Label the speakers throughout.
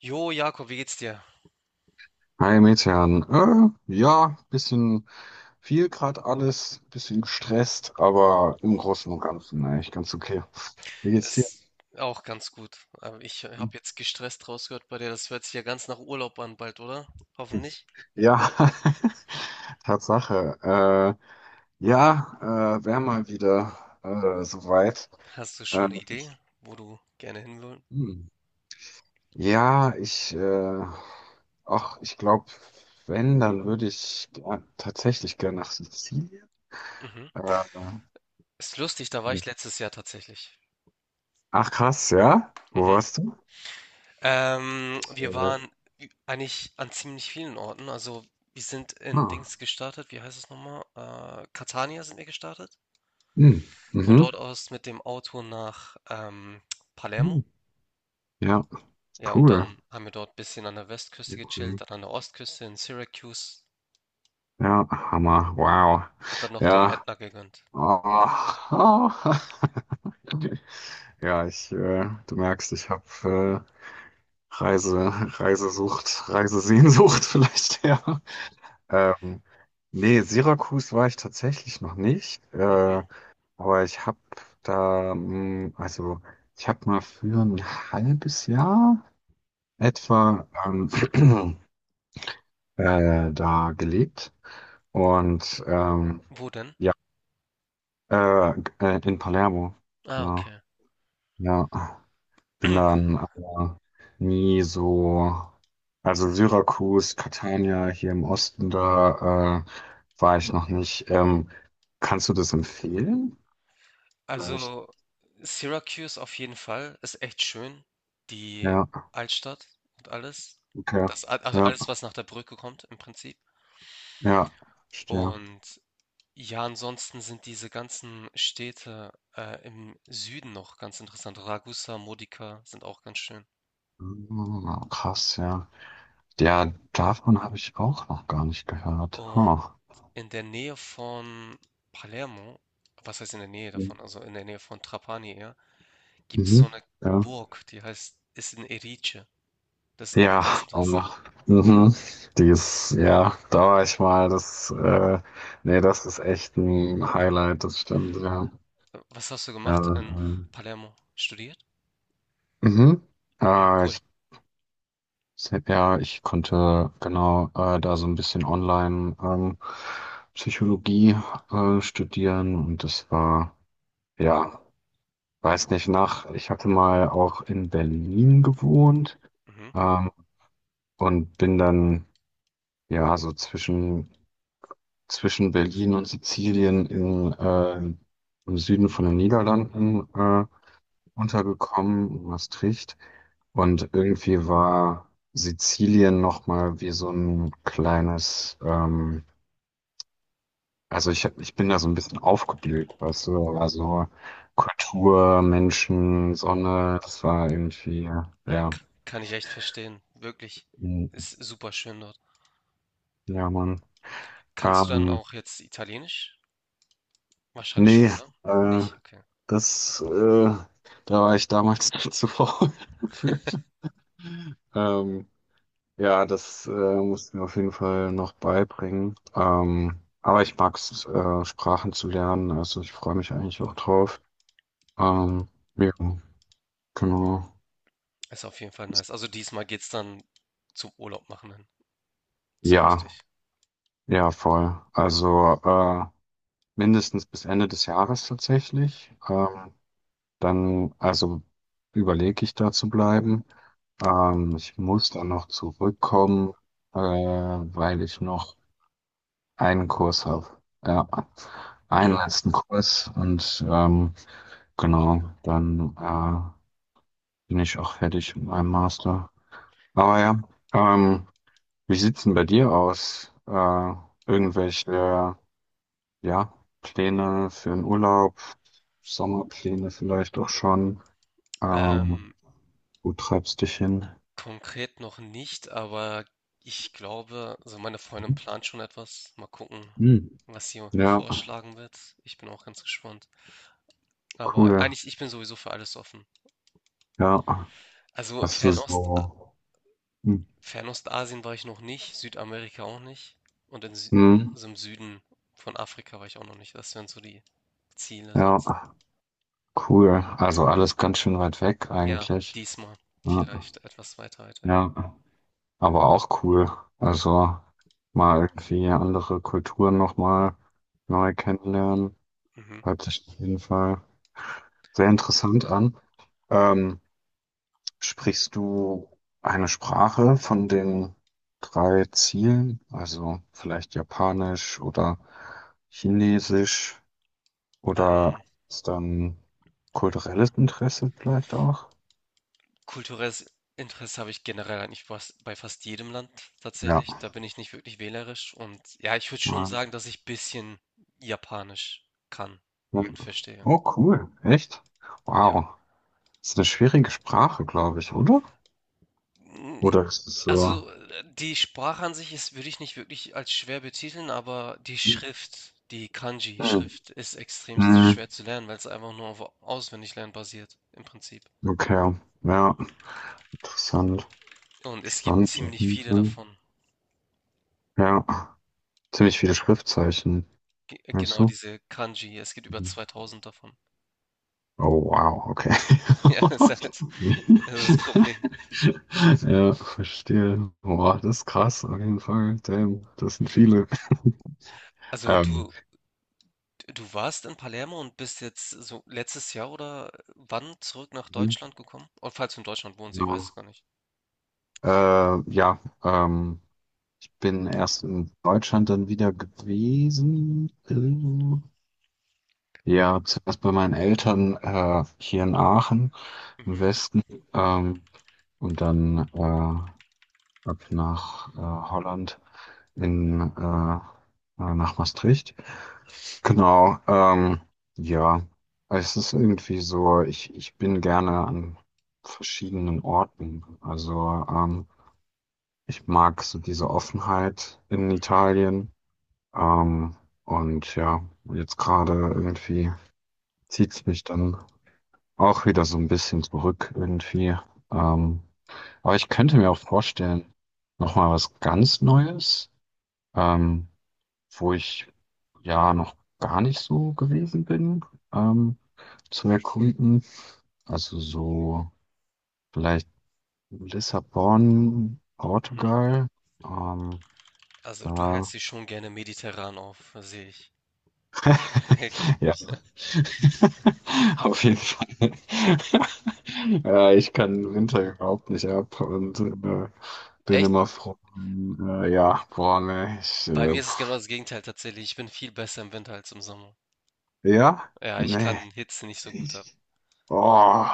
Speaker 1: Jo, Jakob, wie geht's dir?
Speaker 2: Hi Metehan. Ja, bisschen viel gerade alles, bisschen gestresst, aber im Großen und Ganzen eigentlich ganz okay. Wie geht's dir?
Speaker 1: Ist auch ganz gut. Aber ich habe jetzt gestresst rausgehört bei dir. Das hört sich ja ganz nach Urlaub an bald, oder? Hoffentlich.
Speaker 2: Ja, Tatsache. Ja, wär mal wieder soweit.
Speaker 1: Hast du schon eine
Speaker 2: Ähm,
Speaker 1: Idee, wo du gerne hin willst?
Speaker 2: hm. Ja, ach, ich glaube, wenn, dann würde ich tatsächlich gerne nach Sizilien.
Speaker 1: Mhm.
Speaker 2: Äh,
Speaker 1: Ist lustig, da war
Speaker 2: hm.
Speaker 1: ich letztes Jahr tatsächlich.
Speaker 2: Ach krass, ja? Wo
Speaker 1: Mhm.
Speaker 2: warst du?
Speaker 1: Wir waren eigentlich an ziemlich vielen Orten. Also wir sind in
Speaker 2: Ah.
Speaker 1: Dings gestartet. Wie heißt es nochmal? Catania sind wir gestartet.
Speaker 2: Hm.
Speaker 1: Von dort
Speaker 2: Mhm.
Speaker 1: aus mit dem Auto nach Palermo.
Speaker 2: Hm. Ja,
Speaker 1: Ja, und
Speaker 2: cool.
Speaker 1: dann haben wir dort ein bisschen an der Westküste
Speaker 2: Sehr cool.
Speaker 1: gechillt, dann an der Ostküste in Syracuse
Speaker 2: Ja, Hammer. Wow.
Speaker 1: und dann noch den
Speaker 2: Ja.
Speaker 1: Ätna gegönnt.
Speaker 2: Oh. Oh. Ja, du merkst, ich habe Reise, Reisesehnsucht vielleicht, ja. Ähm, Nee, Syrakus war ich tatsächlich noch nicht,
Speaker 1: Mhm.
Speaker 2: aber ich habe da, mh, also ich habe mal für ein halbes Jahr etwa da gelebt. Und
Speaker 1: Wo denn?
Speaker 2: ja, in Palermo,
Speaker 1: Ah,
Speaker 2: genau.
Speaker 1: okay.
Speaker 2: Ja, bin dann aber nie so, also Syrakus, Catania hier im Osten, da war ich noch nicht. Kannst du das empfehlen? Vielleicht.
Speaker 1: Also Syracuse auf jeden Fall ist echt schön. Die
Speaker 2: Ja,
Speaker 1: Altstadt und alles.
Speaker 2: okay.
Speaker 1: Das, also
Speaker 2: Ja,
Speaker 1: alles, was nach der Brücke kommt im Prinzip.
Speaker 2: ja, verstehe.
Speaker 1: Und ja, ansonsten sind diese ganzen Städte im Süden noch ganz interessant. Ragusa, Modica sind auch ganz schön.
Speaker 2: Ah, krass, ja. Ja, davon habe ich auch noch gar nicht gehört.
Speaker 1: Und
Speaker 2: Huh.
Speaker 1: in der Nähe von Palermo, was heißt in der Nähe davon, also in der Nähe von Trapani eher, gibt es so
Speaker 2: Mhm.
Speaker 1: eine
Speaker 2: Ja.
Speaker 1: Burg, die heißt, ist in Erice. Das ist auch ganz
Speaker 2: Ja, ähm,
Speaker 1: interessant.
Speaker 2: mhm. Die ist, ja, da war ich mal, nee, das ist echt ein Highlight, das stimmt, ja.
Speaker 1: Was hast du
Speaker 2: Ja,
Speaker 1: gemacht in Palermo? Studiert?
Speaker 2: mhm.
Speaker 1: Mhm,
Speaker 2: Äh,
Speaker 1: cool.
Speaker 2: ich, ja, ich konnte genau da so ein bisschen online Psychologie studieren und das war, ja, weiß nicht, ich hatte mal auch in Berlin gewohnt,
Speaker 1: Mhm.
Speaker 2: ähm, und bin dann, ja, so zwischen Berlin und Sizilien im Süden von den Niederlanden untergekommen, in Maastricht. Und irgendwie war Sizilien nochmal wie so ein kleines, also ich bin da so ein bisschen aufgeblüht, weißt du, aber so Kultur, Menschen, Sonne, das war irgendwie, ja,
Speaker 1: Kann ich echt verstehen. Wirklich.
Speaker 2: mm,
Speaker 1: Ist super schön dort.
Speaker 2: ja, Mann.
Speaker 1: Kannst du dann
Speaker 2: Ähm,
Speaker 1: auch jetzt Italienisch? Wahrscheinlich schon,
Speaker 2: Nee,
Speaker 1: ne?
Speaker 2: äh,
Speaker 1: Nicht? Okay.
Speaker 2: das, äh, da war ich damals zu faul für. Ähm, ja, das mussten mir auf jeden Fall noch beibringen. Aber ich mag es, Sprachen zu lernen. Also ich freue mich eigentlich auch drauf. Ähm, ja, genau.
Speaker 1: Ist auf jeden Fall nice. Also diesmal geht's dann zum Urlaub machen hin. So
Speaker 2: Ja,
Speaker 1: richtig.
Speaker 2: ja, voll. Also mindestens bis Ende des Jahres tatsächlich. Dann, also überlege ich da zu bleiben. Ich muss dann noch zurückkommen, weil ich noch einen Kurs habe. Ja, einen letzten Kurs und genau, dann bin ich auch fertig mit meinem Master. Aber ja, ähm, wie sieht's denn bei dir aus? Irgendwelche, ja, Pläne für den Urlaub, Sommerpläne vielleicht auch schon. Ähm,
Speaker 1: Ähm,
Speaker 2: Wo treibst dich hin?
Speaker 1: Konkret noch nicht, aber ich glaube, also meine Freundin plant schon etwas. Mal gucken,
Speaker 2: Hm.
Speaker 1: was sie
Speaker 2: Ja,
Speaker 1: vorschlagen wird. Ich bin auch ganz gespannt. Aber
Speaker 2: cool.
Speaker 1: eigentlich, ich bin sowieso für alles offen.
Speaker 2: Ja,
Speaker 1: Also
Speaker 2: hast du so. Hm.
Speaker 1: Fernostasien war ich noch nicht, Südamerika auch nicht. Und in Sü
Speaker 2: Hm.
Speaker 1: so im Süden von Afrika war ich auch noch nicht. Das wären so die Ziele sonst.
Speaker 2: Ja. Cool. Also alles ganz schön weit weg
Speaker 1: Ja,
Speaker 2: eigentlich.
Speaker 1: diesmal
Speaker 2: Ja,
Speaker 1: vielleicht etwas weiter weit weg.
Speaker 2: ja, aber auch cool. Also mal irgendwie andere Kulturen nochmal neu kennenlernen.
Speaker 1: Mhm.
Speaker 2: Hört sich auf jeden Fall sehr interessant an. Ähm, Sprichst du eine Sprache von den drei Zielen? Also vielleicht Japanisch oder Chinesisch oder
Speaker 1: Ähm,
Speaker 2: ist dann kulturelles Interesse vielleicht auch?
Speaker 1: kulturelles Interesse habe ich generell eigentlich fast bei fast jedem Land
Speaker 2: Ja.
Speaker 1: tatsächlich. Da bin ich nicht wirklich wählerisch. Und ja, ich würde schon sagen, dass ich ein bisschen Japanisch kann
Speaker 2: Ja.
Speaker 1: und verstehe.
Speaker 2: Oh, cool. Echt?
Speaker 1: Ja.
Speaker 2: Wow. Ist eine schwierige Sprache, glaube ich, oder?
Speaker 1: Mm,
Speaker 2: Oder ist es so?
Speaker 1: also die Sprache an sich ist, würde ich nicht wirklich als schwer betiteln, aber die Schrift, die
Speaker 2: Hm.
Speaker 1: Kanji-Schrift ist extrem
Speaker 2: Hm.
Speaker 1: schwer zu lernen, weil es einfach nur auf Auswendiglernen basiert, im Prinzip.
Speaker 2: Okay. Ja, interessant.
Speaker 1: Und es gibt
Speaker 2: Spannend auf
Speaker 1: ziemlich
Speaker 2: jeden
Speaker 1: viele
Speaker 2: Fall.
Speaker 1: davon.
Speaker 2: Ja, ziemlich viele Schriftzeichen, meinst
Speaker 1: Genau
Speaker 2: du?
Speaker 1: diese Kanji, es gibt über
Speaker 2: Mhm.
Speaker 1: 2.000 davon.
Speaker 2: Oh, wow, okay.
Speaker 1: Ja, es ist halt das ist das Problem.
Speaker 2: Ja, verstehe. Boah, das ist krass, auf jeden Fall. Damn, das sind viele.
Speaker 1: Also
Speaker 2: Ähm,
Speaker 1: du warst in Palermo und bist jetzt so letztes Jahr oder wann zurück nach
Speaker 2: mhm,
Speaker 1: Deutschland gekommen? Und falls du in Deutschland wohnst, ich weiß es
Speaker 2: genau.
Speaker 1: gar nicht.
Speaker 2: Ja, ich bin erst in Deutschland dann wieder gewesen. Ja, zuerst bei meinen Eltern hier in Aachen im
Speaker 1: Mhm,
Speaker 2: Westen, ähm, und dann ab nach Holland, in nach Maastricht. Genau, ja, es ist irgendwie so, ich bin gerne an verschiedenen Orten. Also ich mag so diese Offenheit in
Speaker 1: mhm,
Speaker 2: Italien. Ähm, und ja, jetzt gerade irgendwie zieht es mich dann auch wieder so ein bisschen zurück irgendwie. Ähm, aber ich könnte mir auch vorstellen, nochmal was ganz Neues, ähm, wo ich ja noch gar nicht so gewesen bin, ähm, zu erkunden. Also so vielleicht Lissabon,
Speaker 1: mhm.
Speaker 2: Portugal, ähm,
Speaker 1: Also du hältst
Speaker 2: da
Speaker 1: dich schon gerne mediterran auf, sehe ich. Merke ich.
Speaker 2: ja, auf jeden Fall. Ja, ich kann Winter überhaupt nicht ab und bin
Speaker 1: Echt,
Speaker 2: immer froh. Ja, boah, ne,
Speaker 1: bei mir ist es genau
Speaker 2: pff,
Speaker 1: das Gegenteil tatsächlich. Ich bin viel besser im Winter als im Sommer.
Speaker 2: ja,
Speaker 1: Ja, ich kann
Speaker 2: nee,
Speaker 1: Hitze nicht so gut ab.
Speaker 2: ich, oh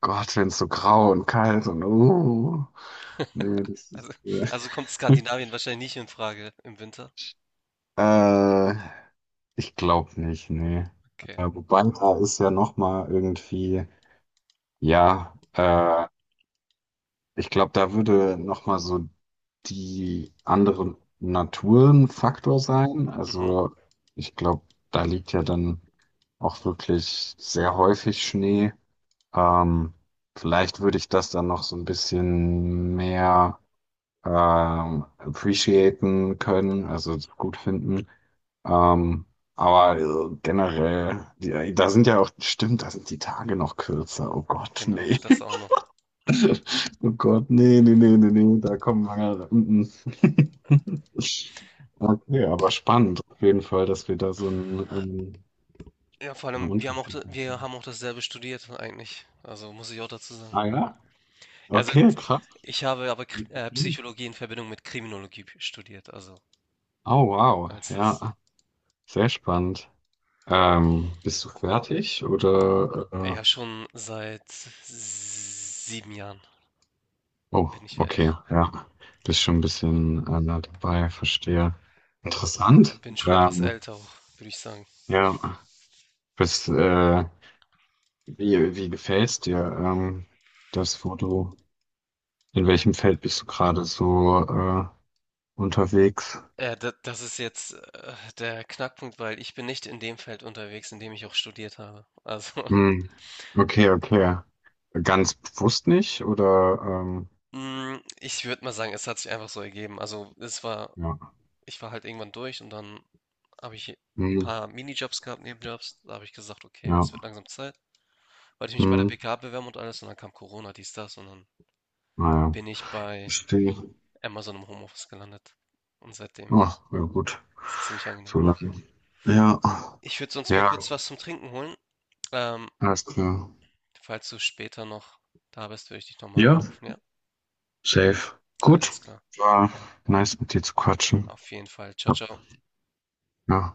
Speaker 2: Gott, wenn es so grau und kalt und, nee, das ist.
Speaker 1: Also,
Speaker 2: äh,
Speaker 1: also kommt Skandinavien wahrscheinlich nicht in Frage im Winter.
Speaker 2: äh, Ich glaube nicht, nee.
Speaker 1: Okay.
Speaker 2: Wobei, da ist ja nochmal irgendwie, ja, ich glaube, da würde nochmal so die andere Natur ein Faktor sein.
Speaker 1: Mhm,
Speaker 2: Also ich glaube, da liegt ja dann auch wirklich sehr häufig Schnee. Ähm, Vielleicht würde ich das dann noch so ein bisschen mehr appreciaten können, also gut finden. Ähm, aber generell, da sind ja auch, stimmt, da sind die Tage noch kürzer. Oh Gott,
Speaker 1: genau,
Speaker 2: nee.
Speaker 1: das auch noch.
Speaker 2: Oh Gott, nee, nee, nee, nee, nee, da kommen wir. Mm, mm. Okay, aber spannend auf jeden Fall, dass wir da so einen, ähm,
Speaker 1: Ja, vor
Speaker 2: einen
Speaker 1: allem, wir haben auch wir
Speaker 2: unterschiedlichen.
Speaker 1: haben auch dasselbe studiert eigentlich. Also, muss ich auch dazu sagen.
Speaker 2: Ah ja?
Speaker 1: Also,
Speaker 2: Okay, krass.
Speaker 1: ich habe aber Kr
Speaker 2: Interessant.
Speaker 1: Psychologie in Verbindung mit Kriminologie studiert, also,
Speaker 2: Oh wow,
Speaker 1: als das
Speaker 2: ja, sehr spannend. Bist du fertig
Speaker 1: ja,
Speaker 2: oder?
Speaker 1: schon seit 7 Jahren
Speaker 2: Oh,
Speaker 1: bin ich
Speaker 2: okay,
Speaker 1: fertig.
Speaker 2: ja. Bist schon ein bisschen nah dabei, verstehe. Interessant.
Speaker 1: Bin schon etwas
Speaker 2: Ähm,
Speaker 1: älter auch, würde ich sagen.
Speaker 2: ja, bist wie gefällt's dir, das Foto? In welchem Feld bist du gerade so, unterwegs?
Speaker 1: Da das ist jetzt, der Knackpunkt, weil ich bin nicht in dem Feld unterwegs, in dem ich auch studiert habe. Also,
Speaker 2: Hm. Okay, okay. Ganz bewusst nicht, oder,
Speaker 1: hm, ich würde mal sagen, es hat sich einfach so ergeben. Also, es war
Speaker 2: ja.
Speaker 1: ich war halt irgendwann durch und dann habe ich ein
Speaker 2: Hm.
Speaker 1: paar Minijobs gehabt, Nebenjobs. Da habe ich gesagt, okay,
Speaker 2: Ja.
Speaker 1: es wird langsam Zeit. Wollte ich mich bei der
Speaker 2: Hm.
Speaker 1: BK bewerben und alles und dann kam Corona, dies, das und dann
Speaker 2: Naja.
Speaker 1: bin ich bei
Speaker 2: Verstehe.
Speaker 1: Amazon im Homeoffice gelandet. Und seitdem
Speaker 2: Ach, ja gut.
Speaker 1: ist es ziemlich angenehm.
Speaker 2: So lachen. Ja.
Speaker 1: Ich würde sonst mir
Speaker 2: Ja,
Speaker 1: kurz was zum Trinken holen. Ähm,
Speaker 2: alles klar.
Speaker 1: falls du später noch da bist, würde ich dich nochmal
Speaker 2: Ja,
Speaker 1: anrufen, ja?
Speaker 2: safe. Gut.
Speaker 1: Alles klar.
Speaker 2: War nice mit dir zu quatschen.
Speaker 1: Auf jeden Fall. Ciao,
Speaker 2: Ja.
Speaker 1: ciao.
Speaker 2: Ja.